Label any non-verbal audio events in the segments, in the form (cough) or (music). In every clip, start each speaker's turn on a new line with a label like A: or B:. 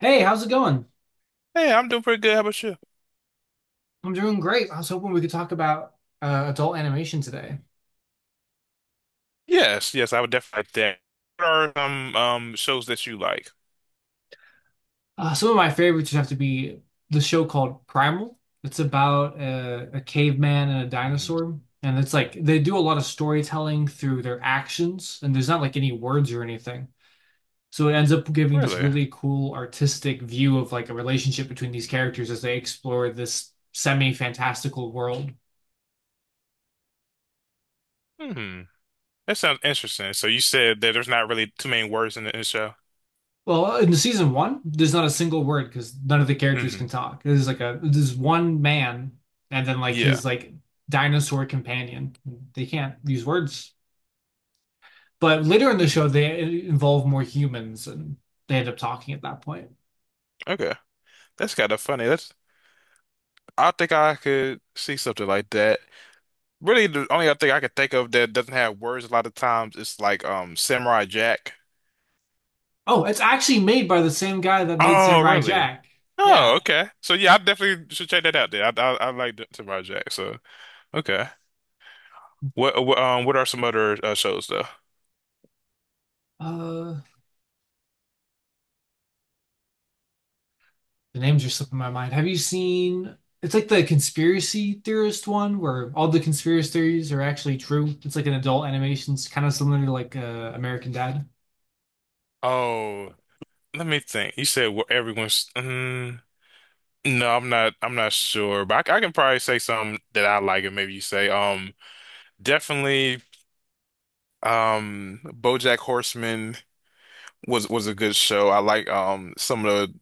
A: Hey, how's it going?
B: Hey, I'm doing pretty good. How about you?
A: I'm doing great. I was hoping we could talk about adult animation today.
B: Yes, yes, I would definitely like that. What are some shows that you like?
A: Some of my favorites would have to be the show called Primal. It's about a caveman and a
B: Hmm.
A: dinosaur. And it's like they do a lot of storytelling through their actions, and there's not like any words or anything. So it ends up giving this
B: Really?
A: really cool artistic view of like a relationship between these characters as they explore this semi-fantastical world.
B: Hmm. That sounds interesting. So you said that there's not really too many words in the show.
A: Well, in season one, there's not a single word because none of the characters can
B: Hmm.
A: talk. There's like a there's one man and then like
B: Yeah.
A: his like dinosaur companion. They can't use words. But later in the
B: Hmm.
A: show, they involve more humans and they end up talking at that point.
B: Okay. That's kind of funny. That's I think I could see something like that. Really, the only other thing I could think of that doesn't have words a lot of times is like Samurai Jack.
A: Oh, it's actually made by the same guy that made
B: Oh,
A: Samurai
B: really?
A: Jack.
B: Oh,
A: Yeah.
B: okay. So yeah, I definitely should check that out. Then I like Samurai Jack. So okay. What what are some other shows though?
A: Uh, The names are slipping my mind. Have you seen? It's like the conspiracy theorist one where all the conspiracy theories are actually true. It's like an adult animation. It's kind of similar to like American Dad.
B: Oh, let me think. You said where everyone's. No, I'm not sure, but I can probably say some that I like, and maybe you say definitely BoJack Horseman was a good show. I like some of the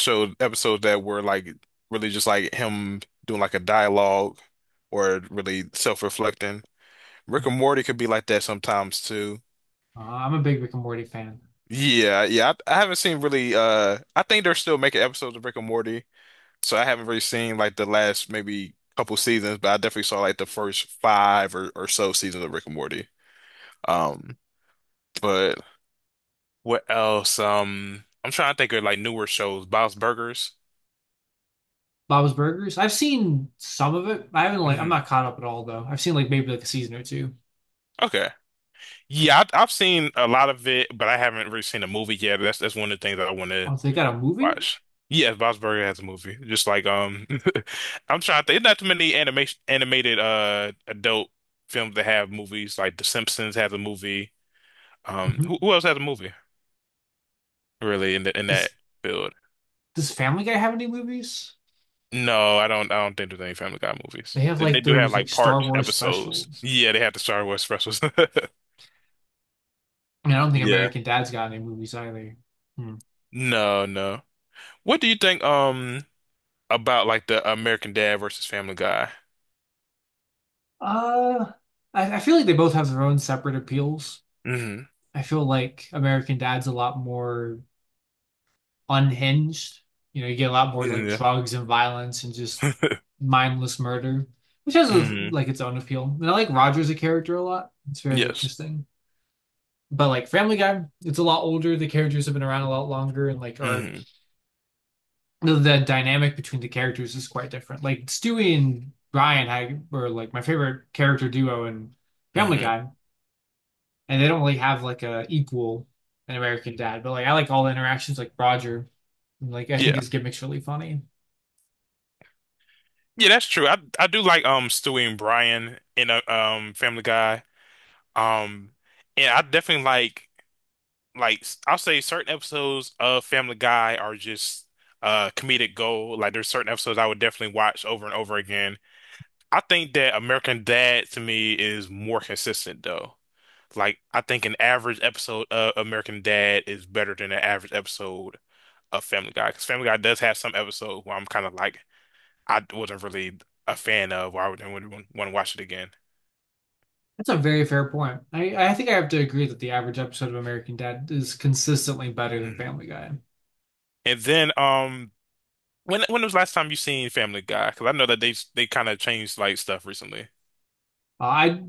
B: show episodes that were like really just like him doing like a dialogue or really self-reflecting. Rick and Morty could be like that sometimes too.
A: I'm a big Rick and Morty fan.
B: Yeah, yeah. I haven't seen really I think they're still making episodes of Rick and Morty, so I haven't really seen like the last maybe couple seasons, but I definitely saw like the first five or so seasons of Rick and Morty. Um, but what else? I'm trying to think of like newer shows, Bob's Burgers.
A: Bob's Burgers. I've seen some of it. I haven't like I'm
B: Hmm.
A: not caught up at all though. I've seen like maybe like a season or two.
B: Okay. Yeah, I've seen a lot of it, but I haven't really seen a movie yet. That's one of the things that I want to
A: Oh, they got a movie?
B: watch. Yeah, Bob's Burger has a movie. Just like (laughs) I'm trying to think there's not too many animation animated adult films that have movies. Like The Simpsons has a movie. Um,
A: hmm
B: who else has a movie really in that
A: Does
B: field?
A: does Family Guy have any movies?
B: No, I don't think there's any Family Guy
A: They
B: movies.
A: have
B: They
A: like
B: do have
A: those like
B: like
A: Star
B: part
A: Wars
B: episodes.
A: specials.
B: Yeah, they have the Star Wars specials. (laughs)
A: And I don't think
B: Yeah.
A: American Dad's got any movies either. Hmm.
B: No, no. What do you think about like the American Dad versus Family Guy?
A: Uh, I feel like they both have their own separate appeals.
B: Hmm.
A: I feel like American Dad's a lot more unhinged. You know, you get a lot more like
B: Yeah.
A: drugs and violence and just
B: (laughs)
A: mindless murder, which has
B: Hmm.
A: like its own appeal. And I like Roger as a character a lot. It's very
B: Yes.
A: interesting. But like Family Guy, it's a lot older. The characters have been around a lot longer and like are
B: Mhm.
A: the dynamic between the characters is quite different. Like Stewie and Ryan had, were like my favorite character duo in Family
B: Hmm.
A: Guy, and they don't really have like a equal in American Dad. But like I like all the interactions, like Roger, like I think
B: Yeah.
A: his gimmick's really funny.
B: Yeah, that's true. I do like Stewie and Brian in a Family Guy. Um, and I definitely like I'll say certain episodes of Family Guy are just comedic gold. Like there's certain episodes I would definitely watch over and over again. I think that American Dad to me is more consistent though. Like I think an average episode of American Dad is better than an average episode of Family Guy because Family Guy does have some episodes where I'm kind of like I wasn't really a fan of, or I wouldn't want to watch it again.
A: That's a very fair point. I think I have to agree that the average episode of American Dad is consistently better than
B: Mhm.
A: Family Guy.
B: And then, when was the last time you seen Family Guy? Because I know that they kind of changed like stuff recently.
A: I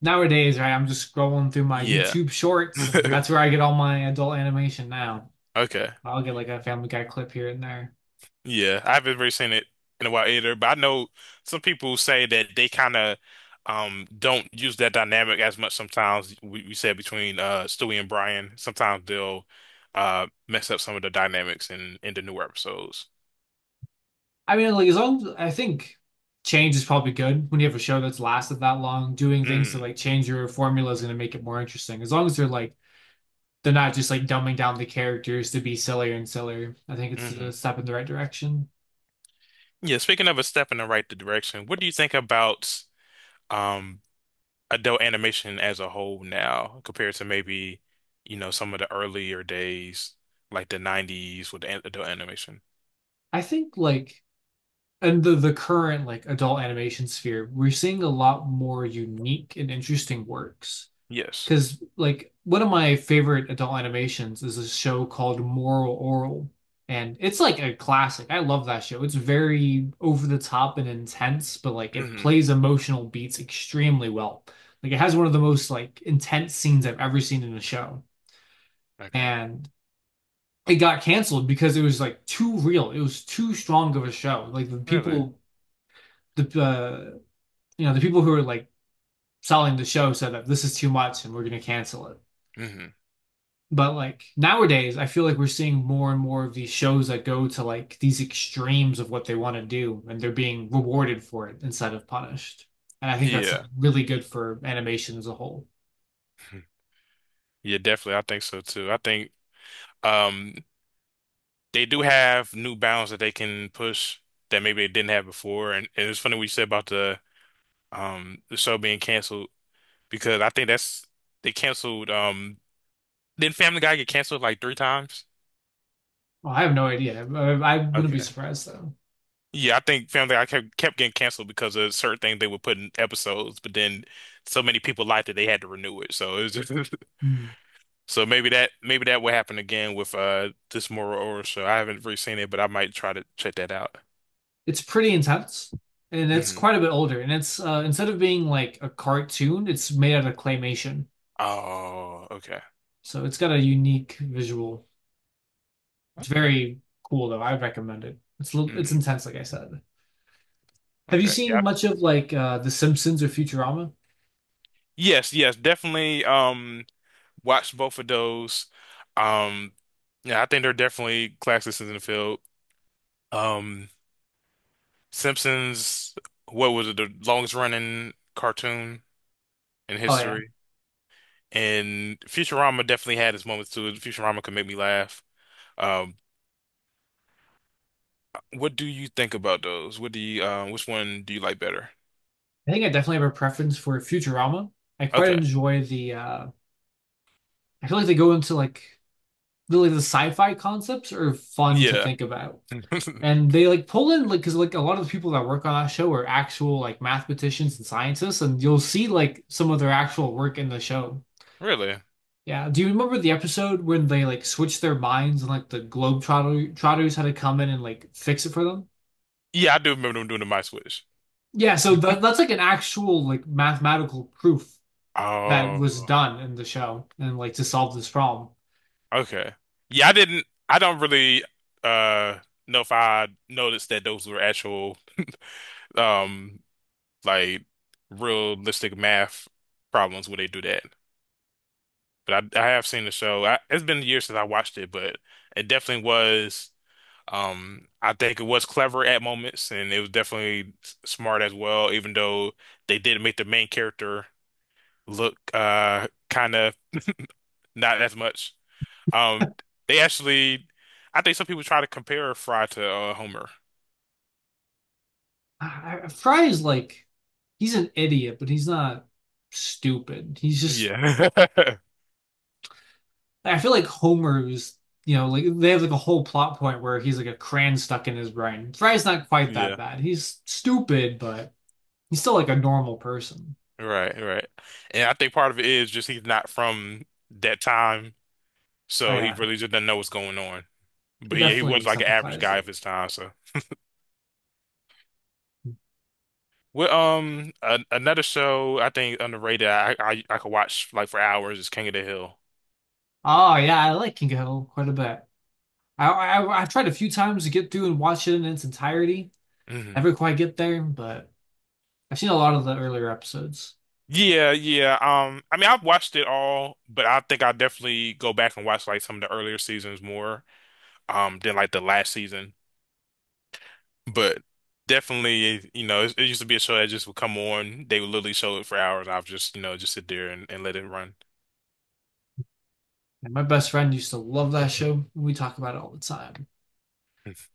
A: Nowadays right, I'm just scrolling through my
B: Yeah.
A: YouTube shorts, and
B: (laughs)
A: that's where I get all my adult animation now.
B: Okay.
A: I'll get like a Family Guy clip here and there.
B: Yeah, I haven't really seen it in a while either, but I know some people say that they kind of don't use that dynamic as much sometimes. We said between Stewie and Brian, sometimes they'll mess up some of the dynamics in the newer episodes.
A: I mean, like as long I think change is probably good when you have a show that's lasted that long. Doing things to
B: Mm-hmm.
A: like change your formula is going to make it more interesting. As long as they're like they're not just like dumbing down the characters to be sillier and sillier. I think it's
B: Mm-hmm.
A: a step in the right direction.
B: Yeah, speaking of a step in the right direction, what do you think about um adult animation as a whole now compared to maybe, you know, some of the earlier days, like the 90s with adult animation?
A: I think like and the current like adult animation sphere, we're seeing a lot more unique and interesting works.
B: Yes.
A: Because like one of my favorite adult animations is a show called Moral Oral, and it's like a classic. I love that show. It's very over the top and intense, but like it
B: Hmm.
A: plays emotional beats extremely well. Like it has one of the most like intense scenes I've ever seen in a show,
B: Okay.
A: and it got canceled because it was like too real. It was too strong of a show. Like the
B: Really?
A: people, the you know, the people who were like selling the show said that this is too much and we're gonna cancel it.
B: Hmm.
A: But like nowadays, I feel like we're seeing more and more of these shows that go to like these extremes of what they want to do, and they're being rewarded for it instead of punished. And I think that's like
B: Yeah.
A: really good for animation as a whole.
B: (laughs) Yeah, definitely. I think so too. I think um they do have new bounds that they can push that maybe they didn't have before. And it's funny what you said about the show being canceled because I think that's they canceled did Family Guy get canceled like three times?
A: Well, I have no idea. I wouldn't be
B: Okay.
A: surprised though.
B: Yeah, I think Family Guy kept getting canceled because of certain things they would put in episodes, but then so many people liked it they had to renew it. So it was just,
A: Hmm.
B: (laughs) so maybe that will happen again with this Mora Ora show. I haven't really seen it, but I might try to check that out.
A: It's pretty intense, and it's
B: Hmm.
A: quite a bit older. And it's instead of being like a cartoon, it's made out of claymation,
B: Oh, okay,
A: so it's got a unique visual. It's
B: okay,
A: very cool though. I recommend it. It's a little, it's
B: mm,
A: intense, like I said. Have you
B: okay,
A: seen
B: yeah,
A: much of like The Simpsons or Futurama?
B: yes, yes, definitely. Watch both of those. Um, yeah, I think they're definitely classics in the field. Um. Simpsons, what was it, the longest running cartoon in
A: Oh yeah.
B: history? And Futurama definitely had its moments too. Futurama could make me laugh. Um, what do you think about those? What do you, which one do you like better?
A: I think I definitely have a preference for Futurama. I quite
B: Okay.
A: enjoy the I feel like they go into like really the sci-fi concepts are fun to
B: Yeah.
A: think about.
B: (laughs)
A: And they like pull in like because like a lot of the people that work on that show are actual like mathematicians and scientists, and you'll see like some of their actual work in the show.
B: Really?
A: Yeah. Do you remember the episode when they like switched their minds and like the Globetrotter Trotters had to come in and like fix it for them?
B: Yeah, I do remember them doing the My Switch.
A: Yeah, so that,
B: (laughs)
A: that's like an actual like mathematical proof that was
B: Oh,
A: done in the show and like to solve this problem.
B: okay. Yeah, I don't really, uh, know if I noticed that those were actual, um, like realistic math problems where they do that. But I have seen the show. I, it's been years since I watched it, but it definitely was. I think it was clever at moments, and it was definitely smart as well. Even though they did make the main character look kind of not as much. Um, they actually, I think some people try to compare Fry to Homer.
A: Fry is like he's an idiot, but he's not stupid. He's just
B: Yeah. (laughs)
A: I feel like Homer is you know like they have like a whole plot point where he's like a crayon stuck in his brain. Fry's not quite that
B: Yeah.
A: bad. He's stupid, but he's still like a normal person.
B: Right, right. And I think part of it is just he's not from that time,
A: Oh
B: so he
A: yeah,
B: really just doesn't know what's going on.
A: it
B: But yeah, he
A: definitely
B: was like an average
A: exemplifies
B: guy
A: it.
B: of his time. So, well, a another show I think underrated I could watch like for hours is King of the Hill.
A: Oh yeah, I like King of Hill quite a bit. I've tried a few times to get through and watch it in its entirety.
B: Hmm.
A: Never quite get there, but I've seen a lot of the earlier episodes.
B: Yeah, yeah. I mean, I've watched it all, but I think I definitely go back and watch like some of the earlier seasons more, than like the last season. But definitely, you know, it used to be a show that just would come on. They would literally show it for hours. I have just, you know, just sit there and let it run.
A: And my best friend used to love that show, and we talk about it all the time.
B: (laughs)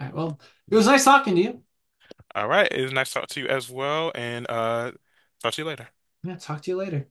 A: All right, well, it was
B: Yeah.
A: nice talking to you.
B: All right. It was nice to talk to you as well. And talk to you later.
A: Yeah, talk to you later.